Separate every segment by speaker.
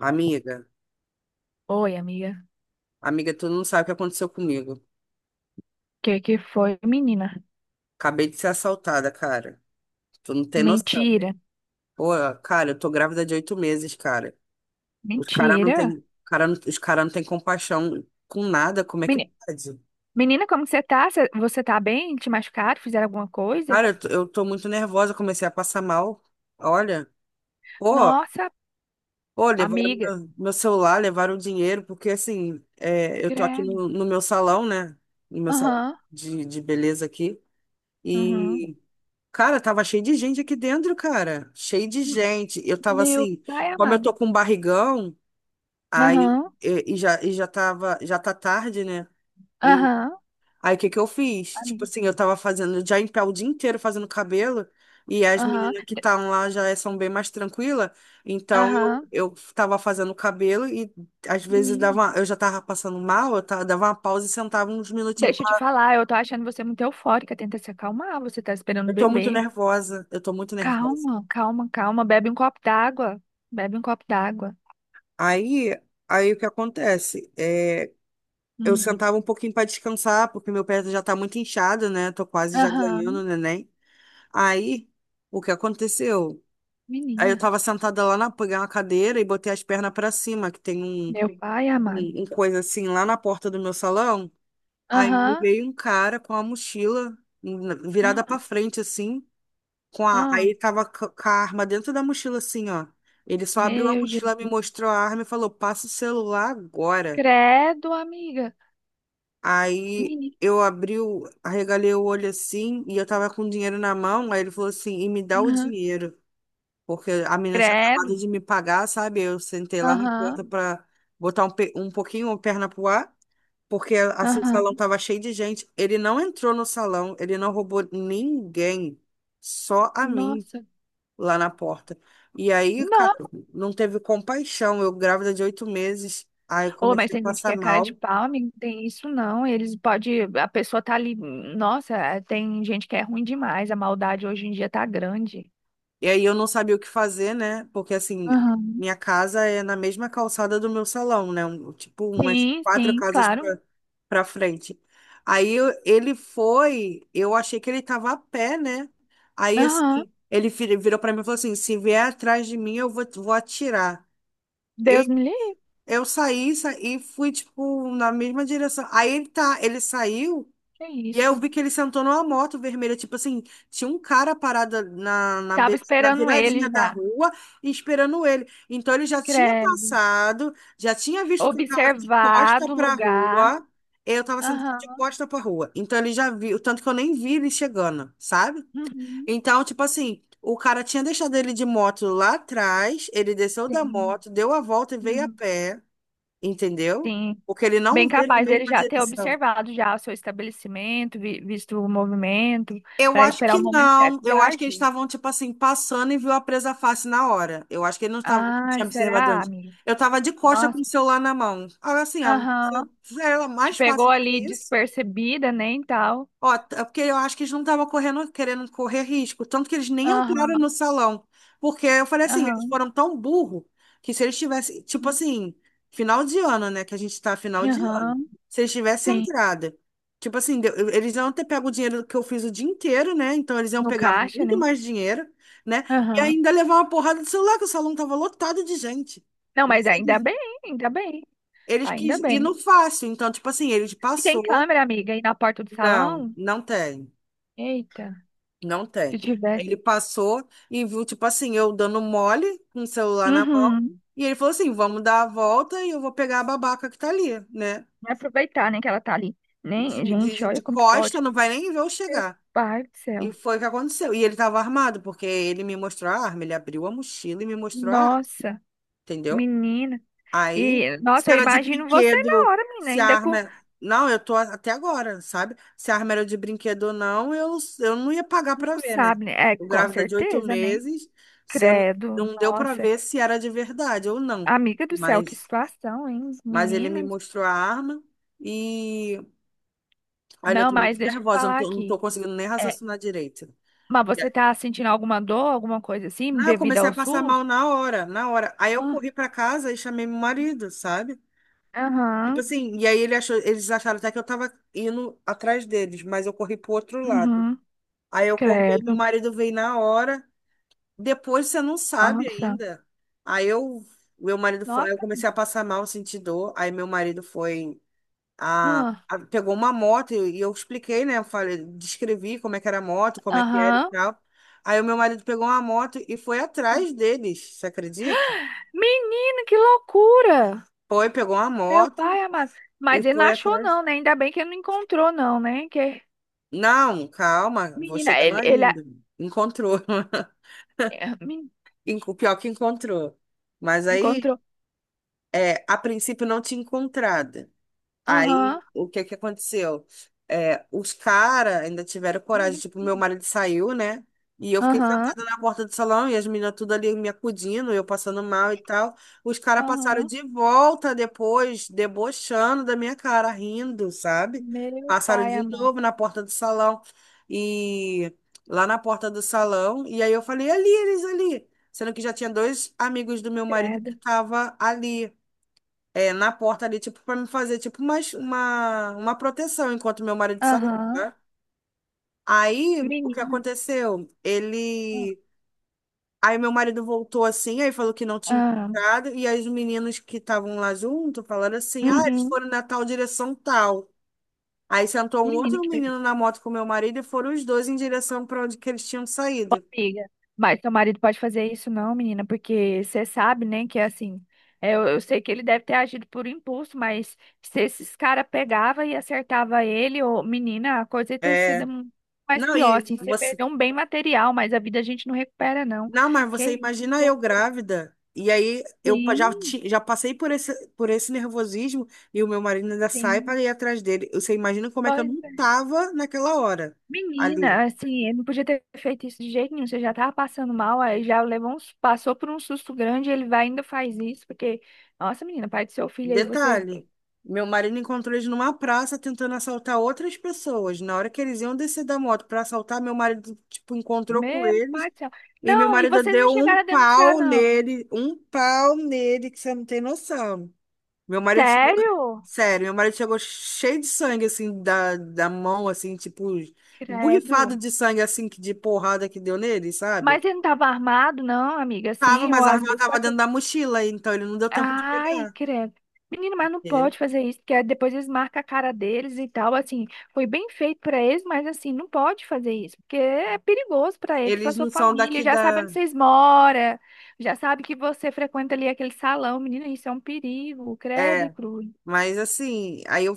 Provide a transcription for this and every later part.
Speaker 1: Amiga,
Speaker 2: Oi, amiga.
Speaker 1: amiga, tu não sabe o que aconteceu comigo.
Speaker 2: Que foi, menina?
Speaker 1: Acabei de ser assaltada, cara. Tu não tem noção.
Speaker 2: Mentira.
Speaker 1: Pô, cara, eu tô grávida de 8 meses, cara. Os caras não
Speaker 2: Mentira.
Speaker 1: tem, cara, os cara não tem compaixão com nada. Como é que
Speaker 2: Meni-
Speaker 1: pode?
Speaker 2: Menina, como que você tá? Você tá bem? Te machucaram? Fizeram alguma coisa?
Speaker 1: Cara, eu tô muito nervosa. Comecei a passar mal. Olha, pô,
Speaker 2: Nossa,
Speaker 1: pô, levaram
Speaker 2: amiga.
Speaker 1: meu celular, levaram o dinheiro, porque assim, eu tô aqui
Speaker 2: Credo.
Speaker 1: no meu salão, né? No meu salão
Speaker 2: Aham.
Speaker 1: de beleza aqui.
Speaker 2: Aham.
Speaker 1: e Cara, tava cheio de gente aqui dentro, cara. Cheio de
Speaker 2: M-
Speaker 1: gente. Eu tava
Speaker 2: Meu
Speaker 1: assim,
Speaker 2: pai
Speaker 1: como eu
Speaker 2: amado.
Speaker 1: tô com um barrigão, aí
Speaker 2: Aham.
Speaker 1: já tá tarde, né? E
Speaker 2: Aham.
Speaker 1: aí o que que eu fiz? Tipo
Speaker 2: Amiga.
Speaker 1: assim, eu tava fazendo já em pé o dia inteiro fazendo cabelo, e as
Speaker 2: Aham.
Speaker 1: meninas que estavam lá já são bem mais tranquilas. Então
Speaker 2: Aham.
Speaker 1: eu tava fazendo cabelo e às vezes
Speaker 2: Menina.
Speaker 1: eu já tava passando mal, dava uma pausa e sentava uns minutinhos.
Speaker 2: Deixa eu te falar, eu tô achando você muito eufórica. Tenta se acalmar. Você tá esperando
Speaker 1: Eu tô muito
Speaker 2: beber.
Speaker 1: nervosa, eu tô muito nervosa.
Speaker 2: Calma, calma, calma. Bebe um copo d'água. Bebe um copo d'água.
Speaker 1: Aí, aí, o que acontece? É, eu
Speaker 2: Hum.
Speaker 1: sentava um pouquinho para descansar, porque meu pé já tá muito inchado, né? Tô quase já ganhando o
Speaker 2: Aham.
Speaker 1: neném. Aí, o que aconteceu? Aí eu
Speaker 2: Menina,
Speaker 1: tava sentada peguei uma cadeira e botei as pernas para cima, que tem um,
Speaker 2: meu pai amado.
Speaker 1: um, um coisa assim lá na porta do meu salão. Aí me
Speaker 2: Aham,
Speaker 1: veio um cara com a mochila virada para
Speaker 2: ah,
Speaker 1: frente, assim, com a,
Speaker 2: ah,
Speaker 1: aí tava c- com a arma dentro da mochila, assim, ó. Ele só abriu a
Speaker 2: meu
Speaker 1: mochila, me
Speaker 2: Jesus.
Speaker 1: mostrou a arma e falou: passa o celular agora.
Speaker 2: Credo, amiga.
Speaker 1: Aí
Speaker 2: Menina,
Speaker 1: eu abri, arregalei o olho assim e eu tava com dinheiro na mão. Aí ele falou assim: e me dá o
Speaker 2: aham,
Speaker 1: dinheiro, porque a menina tinha
Speaker 2: credo.
Speaker 1: acabado de me pagar, sabe? Eu sentei lá na
Speaker 2: Aham,
Speaker 1: porta pra botar um pouquinho a perna pro ar, porque assim o
Speaker 2: aham.
Speaker 1: salão tava cheio de gente. Ele não entrou no salão, ele não roubou ninguém, só a mim
Speaker 2: Nossa.
Speaker 1: lá na porta. E aí, cara,
Speaker 2: Não,
Speaker 1: não teve compaixão. Eu grávida de 8 meses, aí eu
Speaker 2: ô, mas
Speaker 1: comecei a
Speaker 2: tem gente que
Speaker 1: passar
Speaker 2: é cara de
Speaker 1: mal.
Speaker 2: pau, amigo. Não tem isso não. Eles pode, a pessoa tá ali. Nossa, é, tem gente que é ruim demais. A maldade hoje em dia tá grande.
Speaker 1: E aí eu não sabia o que fazer, né? Porque assim,
Speaker 2: Aham.
Speaker 1: minha casa é na mesma calçada do meu salão, né? Tipo, umas
Speaker 2: Sim,
Speaker 1: quatro
Speaker 2: sim,
Speaker 1: casas
Speaker 2: claro.
Speaker 1: pra frente. Aí, ele foi, eu achei que ele tava a pé, né? Aí assim,
Speaker 2: Aham.
Speaker 1: ele virou pra mim e falou assim: se vier atrás de mim, eu vou atirar.
Speaker 2: Deus
Speaker 1: E
Speaker 2: me livre.
Speaker 1: eu e fui, tipo, na mesma direção. Ele saiu.
Speaker 2: Que
Speaker 1: E aí eu
Speaker 2: isso?
Speaker 1: vi que ele sentou numa moto vermelha, tipo assim, tinha um cara parado
Speaker 2: Tava
Speaker 1: na
Speaker 2: esperando
Speaker 1: viradinha
Speaker 2: ele
Speaker 1: da
Speaker 2: já.
Speaker 1: rua e esperando ele. Então ele já tinha
Speaker 2: Credo.
Speaker 1: passado, já tinha visto que eu tava de costa
Speaker 2: Observado o
Speaker 1: pra
Speaker 2: lugar.
Speaker 1: rua, eu tava sentado de
Speaker 2: Aham.
Speaker 1: costa pra rua. Então ele já viu, tanto que eu nem vi ele chegando, sabe?
Speaker 2: Uhum.
Speaker 1: Então, tipo assim, o cara tinha deixado ele de moto lá atrás, ele desceu da
Speaker 2: Sim.
Speaker 1: moto, deu a volta e veio a
Speaker 2: Uhum.
Speaker 1: pé, entendeu?
Speaker 2: Sim.
Speaker 1: Porque ele não
Speaker 2: Bem
Speaker 1: veio na
Speaker 2: capaz dele
Speaker 1: mesma
Speaker 2: já ter
Speaker 1: direção.
Speaker 2: observado já o seu estabelecimento, visto o movimento,
Speaker 1: Eu
Speaker 2: para
Speaker 1: acho
Speaker 2: esperar
Speaker 1: que
Speaker 2: o momento certo
Speaker 1: não.
Speaker 2: de
Speaker 1: Eu acho que eles
Speaker 2: agir.
Speaker 1: estavam, tipo assim, passando e viu a presa fácil na hora. Eu acho que ele não estava, não
Speaker 2: Ah,
Speaker 1: tinha observado
Speaker 2: será,
Speaker 1: antes.
Speaker 2: amiga?
Speaker 1: Eu tava de costa com
Speaker 2: Nossa.
Speaker 1: o celular na mão. Agora, assim,
Speaker 2: Aham.
Speaker 1: era
Speaker 2: Te
Speaker 1: mais fácil
Speaker 2: pegou
Speaker 1: que
Speaker 2: ali
Speaker 1: isso.
Speaker 2: despercebida, né, e tal.
Speaker 1: Ó, é porque eu acho que eles não estavam correndo, querendo correr risco, tanto que eles nem entraram no
Speaker 2: Aham.
Speaker 1: salão. Porque eu falei assim, eles
Speaker 2: Aham.
Speaker 1: foram tão burro que se eles tivessem, tipo assim, final de ano, né? Que a gente tá final de ano.
Speaker 2: Aham.
Speaker 1: Se eles tivessem
Speaker 2: Sim.
Speaker 1: entrada, tipo assim, eles iam ter pego o dinheiro que eu fiz o dia inteiro, né? Então eles iam
Speaker 2: No
Speaker 1: pegar
Speaker 2: caixa,
Speaker 1: muito
Speaker 2: né?
Speaker 1: mais dinheiro, né? E
Speaker 2: Aham.
Speaker 1: ainda levar uma porrada de celular, que o salão tava lotado de gente.
Speaker 2: Não,
Speaker 1: Mas
Speaker 2: mas ainda
Speaker 1: eles,
Speaker 2: bem, ainda bem.
Speaker 1: eles quis
Speaker 2: Ainda
Speaker 1: ir
Speaker 2: bem.
Speaker 1: no fácil. Então, tipo assim, eles
Speaker 2: E tem
Speaker 1: passou.
Speaker 2: câmera, amiga, aí na porta do
Speaker 1: Não,
Speaker 2: salão?
Speaker 1: não tem.
Speaker 2: Eita,
Speaker 1: Não tem.
Speaker 2: se tivesse.
Speaker 1: Ele passou e viu, tipo assim, eu dando mole com o celular na mão.
Speaker 2: Uhum.
Speaker 1: E ele falou assim: vamos dar a volta e eu vou pegar a babaca que tá ali, né?
Speaker 2: Vai aproveitar, né, que ela tá ali.
Speaker 1: De,
Speaker 2: Nem, gente,
Speaker 1: de,
Speaker 2: olha
Speaker 1: de
Speaker 2: como
Speaker 1: costa,
Speaker 2: pode.
Speaker 1: não vai nem ver eu
Speaker 2: Meu
Speaker 1: chegar.
Speaker 2: pai do céu.
Speaker 1: E foi o que aconteceu. E ele tava armado, porque ele me mostrou a arma, ele abriu a mochila e me mostrou a arma,
Speaker 2: Nossa,
Speaker 1: entendeu?
Speaker 2: menina.
Speaker 1: Aí,
Speaker 2: E,
Speaker 1: se
Speaker 2: nossa, eu
Speaker 1: era de
Speaker 2: imagino você
Speaker 1: brinquedo,
Speaker 2: na hora, menina,
Speaker 1: se a
Speaker 2: ainda
Speaker 1: arma.
Speaker 2: com.
Speaker 1: Não, eu tô até agora, sabe? Se a arma era de brinquedo ou não, eu não ia pagar pra
Speaker 2: Não
Speaker 1: ver, né?
Speaker 2: sabe, né? É,
Speaker 1: Eu
Speaker 2: com
Speaker 1: grávida de oito
Speaker 2: certeza, né?
Speaker 1: meses, você não,
Speaker 2: Credo,
Speaker 1: não deu pra
Speaker 2: nossa.
Speaker 1: ver se era de verdade ou não.
Speaker 2: Amiga do céu, que
Speaker 1: Mas,
Speaker 2: situação, hein?
Speaker 1: mas ele me
Speaker 2: Menina.
Speaker 1: mostrou a arma e. Olha, eu
Speaker 2: Não,
Speaker 1: tô muito
Speaker 2: mas deixa eu te
Speaker 1: nervosa, eu não
Speaker 2: falar
Speaker 1: tô, não tô
Speaker 2: aqui.
Speaker 1: conseguindo nem
Speaker 2: É,
Speaker 1: raciocinar direito.
Speaker 2: mas
Speaker 1: E aí-
Speaker 2: você tá sentindo alguma dor, alguma coisa assim,
Speaker 1: Não, eu
Speaker 2: devido
Speaker 1: comecei a
Speaker 2: ao
Speaker 1: passar mal
Speaker 2: SUS?
Speaker 1: na hora, na hora. Aí eu
Speaker 2: Ah,
Speaker 1: corri pra casa e chamei meu marido, sabe? Tipo
Speaker 2: aham,
Speaker 1: assim, e aí eles acharam até que eu tava indo atrás deles, mas eu corri pro outro lado.
Speaker 2: uhum,
Speaker 1: Aí eu corri, aí meu
Speaker 2: credo.
Speaker 1: marido veio na hora. Depois você não sabe
Speaker 2: Nossa.
Speaker 1: ainda. Aí eu, Meu marido foi, eu
Speaker 2: Nossa.
Speaker 1: comecei a passar mal, senti dor. Aí meu marido foi, a,
Speaker 2: Ah,
Speaker 1: pegou uma moto e eu expliquei, né? Eu falei, descrevi como é que era a moto, como é que era e
Speaker 2: aham.
Speaker 1: tal. Aí o meu marido pegou uma moto e foi atrás deles, você acredita?
Speaker 2: Menino, que loucura!
Speaker 1: Foi, pegou uma
Speaker 2: Meu
Speaker 1: moto
Speaker 2: pai amado.
Speaker 1: e
Speaker 2: Mas ele não
Speaker 1: foi
Speaker 2: achou,
Speaker 1: atrás.
Speaker 2: não, né? Ainda bem que ele não encontrou, não, né? Que...
Speaker 1: Não, calma, vou
Speaker 2: Menina,
Speaker 1: chegar
Speaker 2: ele,
Speaker 1: lá
Speaker 2: ele
Speaker 1: ainda. Encontrou.
Speaker 2: é,
Speaker 1: Pior que encontrou. Mas aí,
Speaker 2: encontrou.
Speaker 1: a princípio não tinha encontrado. Aí,
Speaker 2: Aham.
Speaker 1: o que que aconteceu? É, os caras ainda tiveram coragem.
Speaker 2: Menina, que
Speaker 1: Tipo, meu
Speaker 2: perigo.
Speaker 1: marido saiu, né? E eu fiquei
Speaker 2: Aham.
Speaker 1: sentada na porta do salão e as meninas tudo ali me acudindo, eu passando mal e tal. Os caras passaram
Speaker 2: Aham.
Speaker 1: de volta depois, debochando da minha cara, rindo, sabe?
Speaker 2: Meu
Speaker 1: Passaram
Speaker 2: pai
Speaker 1: de
Speaker 2: amado.
Speaker 1: novo na porta do salão. E lá na porta do salão. E aí eu falei, ali, eles ali. Sendo que já tinha dois amigos do meu marido
Speaker 2: Credo.
Speaker 1: que estavam ali na porta ali, tipo, pra me fazer, tipo, uma proteção enquanto meu marido saiu,
Speaker 2: Aham.
Speaker 1: né? Aí, o que
Speaker 2: Menina.
Speaker 1: aconteceu? Ele. Aí, meu marido voltou assim, aí falou que não tinha
Speaker 2: Ah.
Speaker 1: encontrado, e aí os meninos que estavam lá junto falaram assim: ah, eles
Speaker 2: Uhum.
Speaker 1: foram na tal direção tal. Aí sentou um
Speaker 2: Menina,
Speaker 1: outro
Speaker 2: que
Speaker 1: menino
Speaker 2: perigo.
Speaker 1: na moto com meu marido e foram os dois em direção para onde que eles tinham
Speaker 2: Ô,
Speaker 1: saído.
Speaker 2: amiga, mas seu marido pode fazer isso não, menina, porque você sabe, né, que é assim, é, eu sei que ele deve ter agido por impulso, mas se esses caras pegava e acertava ele, ô, menina, a coisa ia ter sido
Speaker 1: É,
Speaker 2: mais
Speaker 1: Não,
Speaker 2: pior,
Speaker 1: e
Speaker 2: assim, você
Speaker 1: você
Speaker 2: perdeu um bem material, mas a vida a gente não recupera não,
Speaker 1: Não, mas você
Speaker 2: que
Speaker 1: imagina eu
Speaker 2: isso?
Speaker 1: grávida, e aí eu
Speaker 2: Sim,
Speaker 1: já passei por esse nervosismo, e o meu marido ainda sai
Speaker 2: sim,
Speaker 1: para ir atrás dele. Você imagina como é que eu
Speaker 2: pois
Speaker 1: não
Speaker 2: é.
Speaker 1: tava naquela hora ali.
Speaker 2: Menina, assim, ele não podia ter feito isso de jeito nenhum, você já tava passando mal, aí já levou uns, passou por um susto grande, ele vai e ainda faz isso, porque... Nossa, menina, pai do seu filho aí, você
Speaker 1: Detalhe, meu marido encontrou eles numa praça tentando assaltar outras pessoas. Na hora que eles iam descer da moto para assaltar, meu marido, tipo, encontrou com
Speaker 2: meu
Speaker 1: eles,
Speaker 2: pai do céu.
Speaker 1: e meu
Speaker 2: Não, e
Speaker 1: marido
Speaker 2: vocês não
Speaker 1: deu
Speaker 2: chegaram a denunciar, não.
Speaker 1: um pau nele, que você não tem noção. Meu marido chegou,
Speaker 2: Sério?
Speaker 1: sério, meu marido chegou cheio de sangue, assim, da mão, assim, tipo, borrifado
Speaker 2: Credo.
Speaker 1: de sangue, assim, de porrada que deu nele, sabe?
Speaker 2: Mas ele não estava armado, não, amiga,
Speaker 1: Tava,
Speaker 2: assim, ou
Speaker 1: mas a
Speaker 2: às
Speaker 1: arma
Speaker 2: vezes
Speaker 1: tava
Speaker 2: pode
Speaker 1: dentro da mochila, então ele não deu tempo de
Speaker 2: ai,
Speaker 1: pegar,
Speaker 2: credo. Menino, mas não
Speaker 1: entendeu?
Speaker 2: pode fazer isso, porque depois eles marcam a cara deles e tal, assim, foi bem feito pra eles, mas assim, não pode fazer isso, porque é perigoso pra eles, pra
Speaker 1: Eles
Speaker 2: sua
Speaker 1: não são
Speaker 2: família,
Speaker 1: daqui
Speaker 2: já sabe onde
Speaker 1: da.
Speaker 2: vocês moram, já sabe que você frequenta ali aquele salão, menino, isso é um perigo, credo e
Speaker 1: É,
Speaker 2: cruz.
Speaker 1: mas assim, aí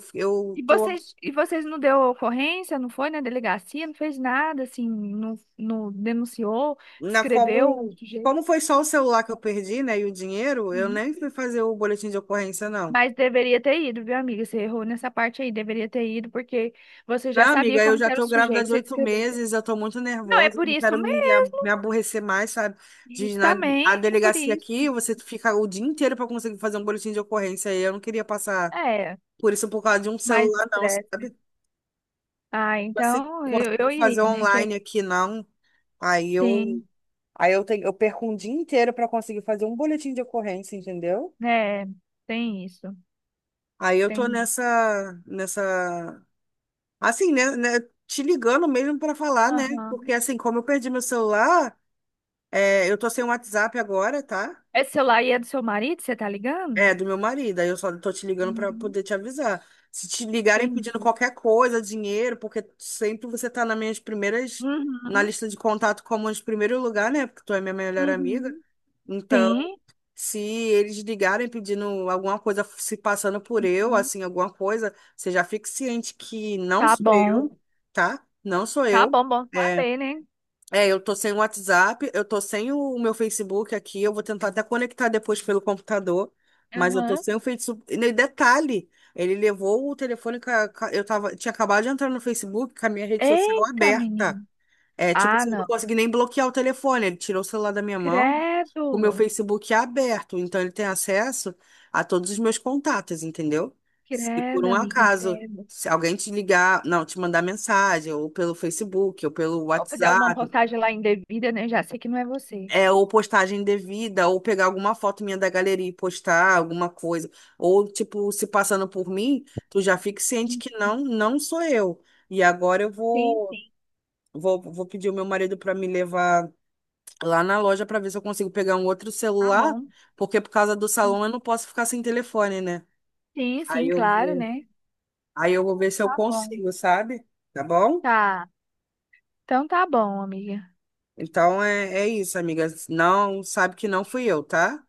Speaker 2: E
Speaker 1: eu tô.
Speaker 2: vocês, e vocês não deu ocorrência, não foi na delegacia, não fez nada, assim, não, não denunciou, descreveu o
Speaker 1: Como,
Speaker 2: sujeito.
Speaker 1: como foi só o celular que eu perdi, né, e o dinheiro, eu
Speaker 2: Uhum.
Speaker 1: nem fui fazer o boletim de ocorrência, não.
Speaker 2: Mas deveria ter ido, viu, amiga? Você errou nessa parte aí, deveria ter ido, porque você já
Speaker 1: Não,
Speaker 2: sabia
Speaker 1: amiga, eu
Speaker 2: como que
Speaker 1: já
Speaker 2: era o
Speaker 1: tô grávida
Speaker 2: sujeito,
Speaker 1: de
Speaker 2: você
Speaker 1: oito
Speaker 2: descrevesse.
Speaker 1: meses, eu tô muito
Speaker 2: Não, é
Speaker 1: nervosa,
Speaker 2: por
Speaker 1: não
Speaker 2: isso
Speaker 1: quero
Speaker 2: mesmo,
Speaker 1: me, me aborrecer mais, sabe? De ir na a
Speaker 2: justamente por
Speaker 1: delegacia aqui,
Speaker 2: isso.
Speaker 1: você fica o dia inteiro pra conseguir fazer um boletim de ocorrência, e eu não queria passar
Speaker 2: É,
Speaker 1: por isso por causa de um
Speaker 2: mais
Speaker 1: celular, não,
Speaker 2: estresse, né?
Speaker 1: sabe?
Speaker 2: Ah,
Speaker 1: Você
Speaker 2: então eu,
Speaker 1: consegue
Speaker 2: eu
Speaker 1: fazer
Speaker 2: iria, né?
Speaker 1: online aqui, não. Aí eu,
Speaker 2: Tem,
Speaker 1: aí eu tenho, eu perco um dia inteiro pra conseguir fazer um boletim de ocorrência, entendeu?
Speaker 2: né? Tem isso,
Speaker 1: Aí eu tô
Speaker 2: entendi.
Speaker 1: nessa, assim, né, te ligando mesmo pra falar, né?
Speaker 2: Aham.
Speaker 1: Porque assim, como eu perdi meu celular, é, eu tô sem o WhatsApp agora, tá?
Speaker 2: Esse celular aí é do seu marido, você tá ligando?
Speaker 1: É, do meu marido. Aí eu só tô te ligando pra
Speaker 2: Aham.
Speaker 1: poder te avisar. Se te ligarem
Speaker 2: Entendi.
Speaker 1: pedindo qualquer coisa, dinheiro, porque sempre você tá nas minhas primeiras, na
Speaker 2: Uhum,
Speaker 1: lista de contato como de primeiro lugar, né? Porque tu é minha melhor amiga.
Speaker 2: uhum.
Speaker 1: Então,
Speaker 2: Sim,
Speaker 1: se eles ligarem pedindo alguma coisa, se passando por eu,
Speaker 2: uhum,
Speaker 1: assim, alguma coisa, você já fique ciente que não
Speaker 2: tá
Speaker 1: sou
Speaker 2: bom.
Speaker 1: eu, tá? Não sou
Speaker 2: Tá
Speaker 1: eu.
Speaker 2: bom, bom
Speaker 1: É,
Speaker 2: saber, né?
Speaker 1: É, eu tô sem o WhatsApp, eu tô sem o meu Facebook aqui, eu vou tentar até conectar depois pelo computador, mas eu tô
Speaker 2: Aham.
Speaker 1: sem o Facebook. E nem detalhe, ele levou o telefone, eu tava, tinha acabado de entrar no Facebook com a minha rede social
Speaker 2: Eita,
Speaker 1: aberta.
Speaker 2: menino.
Speaker 1: É, tipo
Speaker 2: Ah,
Speaker 1: assim, eu não
Speaker 2: não.
Speaker 1: consegui nem bloquear o telefone, ele tirou o celular da minha mão, o meu
Speaker 2: Credo.
Speaker 1: Facebook é aberto, então ele tem acesso a todos os meus contatos, entendeu? Se por
Speaker 2: Credo,
Speaker 1: um
Speaker 2: amiga,
Speaker 1: acaso,
Speaker 2: credo.
Speaker 1: se alguém te ligar, não, te mandar mensagem, ou pelo Facebook, ou pelo
Speaker 2: Ou fazer alguma
Speaker 1: WhatsApp,
Speaker 2: postagem lá indevida, né? Já sei que não é você.
Speaker 1: ou postagem devida, ou pegar alguma foto minha da galeria e postar alguma coisa. Ou, tipo, se passando por mim, tu já fica ciente que não, não sou eu. E agora eu
Speaker 2: Sim,
Speaker 1: vou,
Speaker 2: sim.
Speaker 1: vou, vou pedir o meu marido para me levar lá na loja para ver se eu consigo pegar um outro
Speaker 2: Tá
Speaker 1: celular,
Speaker 2: bom.
Speaker 1: porque por causa do salão eu não posso ficar sem telefone, né?
Speaker 2: Sim,
Speaker 1: Aí
Speaker 2: sim,
Speaker 1: eu
Speaker 2: claro,
Speaker 1: vou,
Speaker 2: né?
Speaker 1: aí eu vou ver se eu
Speaker 2: Tá bom.
Speaker 1: consigo, sabe? Tá bom?
Speaker 2: Tá. Então tá bom, amiga.
Speaker 1: Então é isso, amiga. Não, sabe que não fui eu, tá?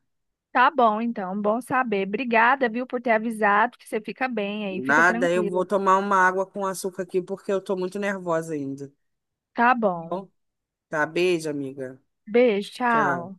Speaker 2: Tá bom, então. Bom saber. Obrigada, viu, por ter avisado que você fica bem aí, fica
Speaker 1: Nada, eu vou
Speaker 2: tranquila.
Speaker 1: tomar uma água com açúcar aqui porque eu tô muito nervosa ainda.
Speaker 2: Tá bom.
Speaker 1: Bom, tá, beijo, amiga.
Speaker 2: Beijo,
Speaker 1: Tchau.
Speaker 2: tchau.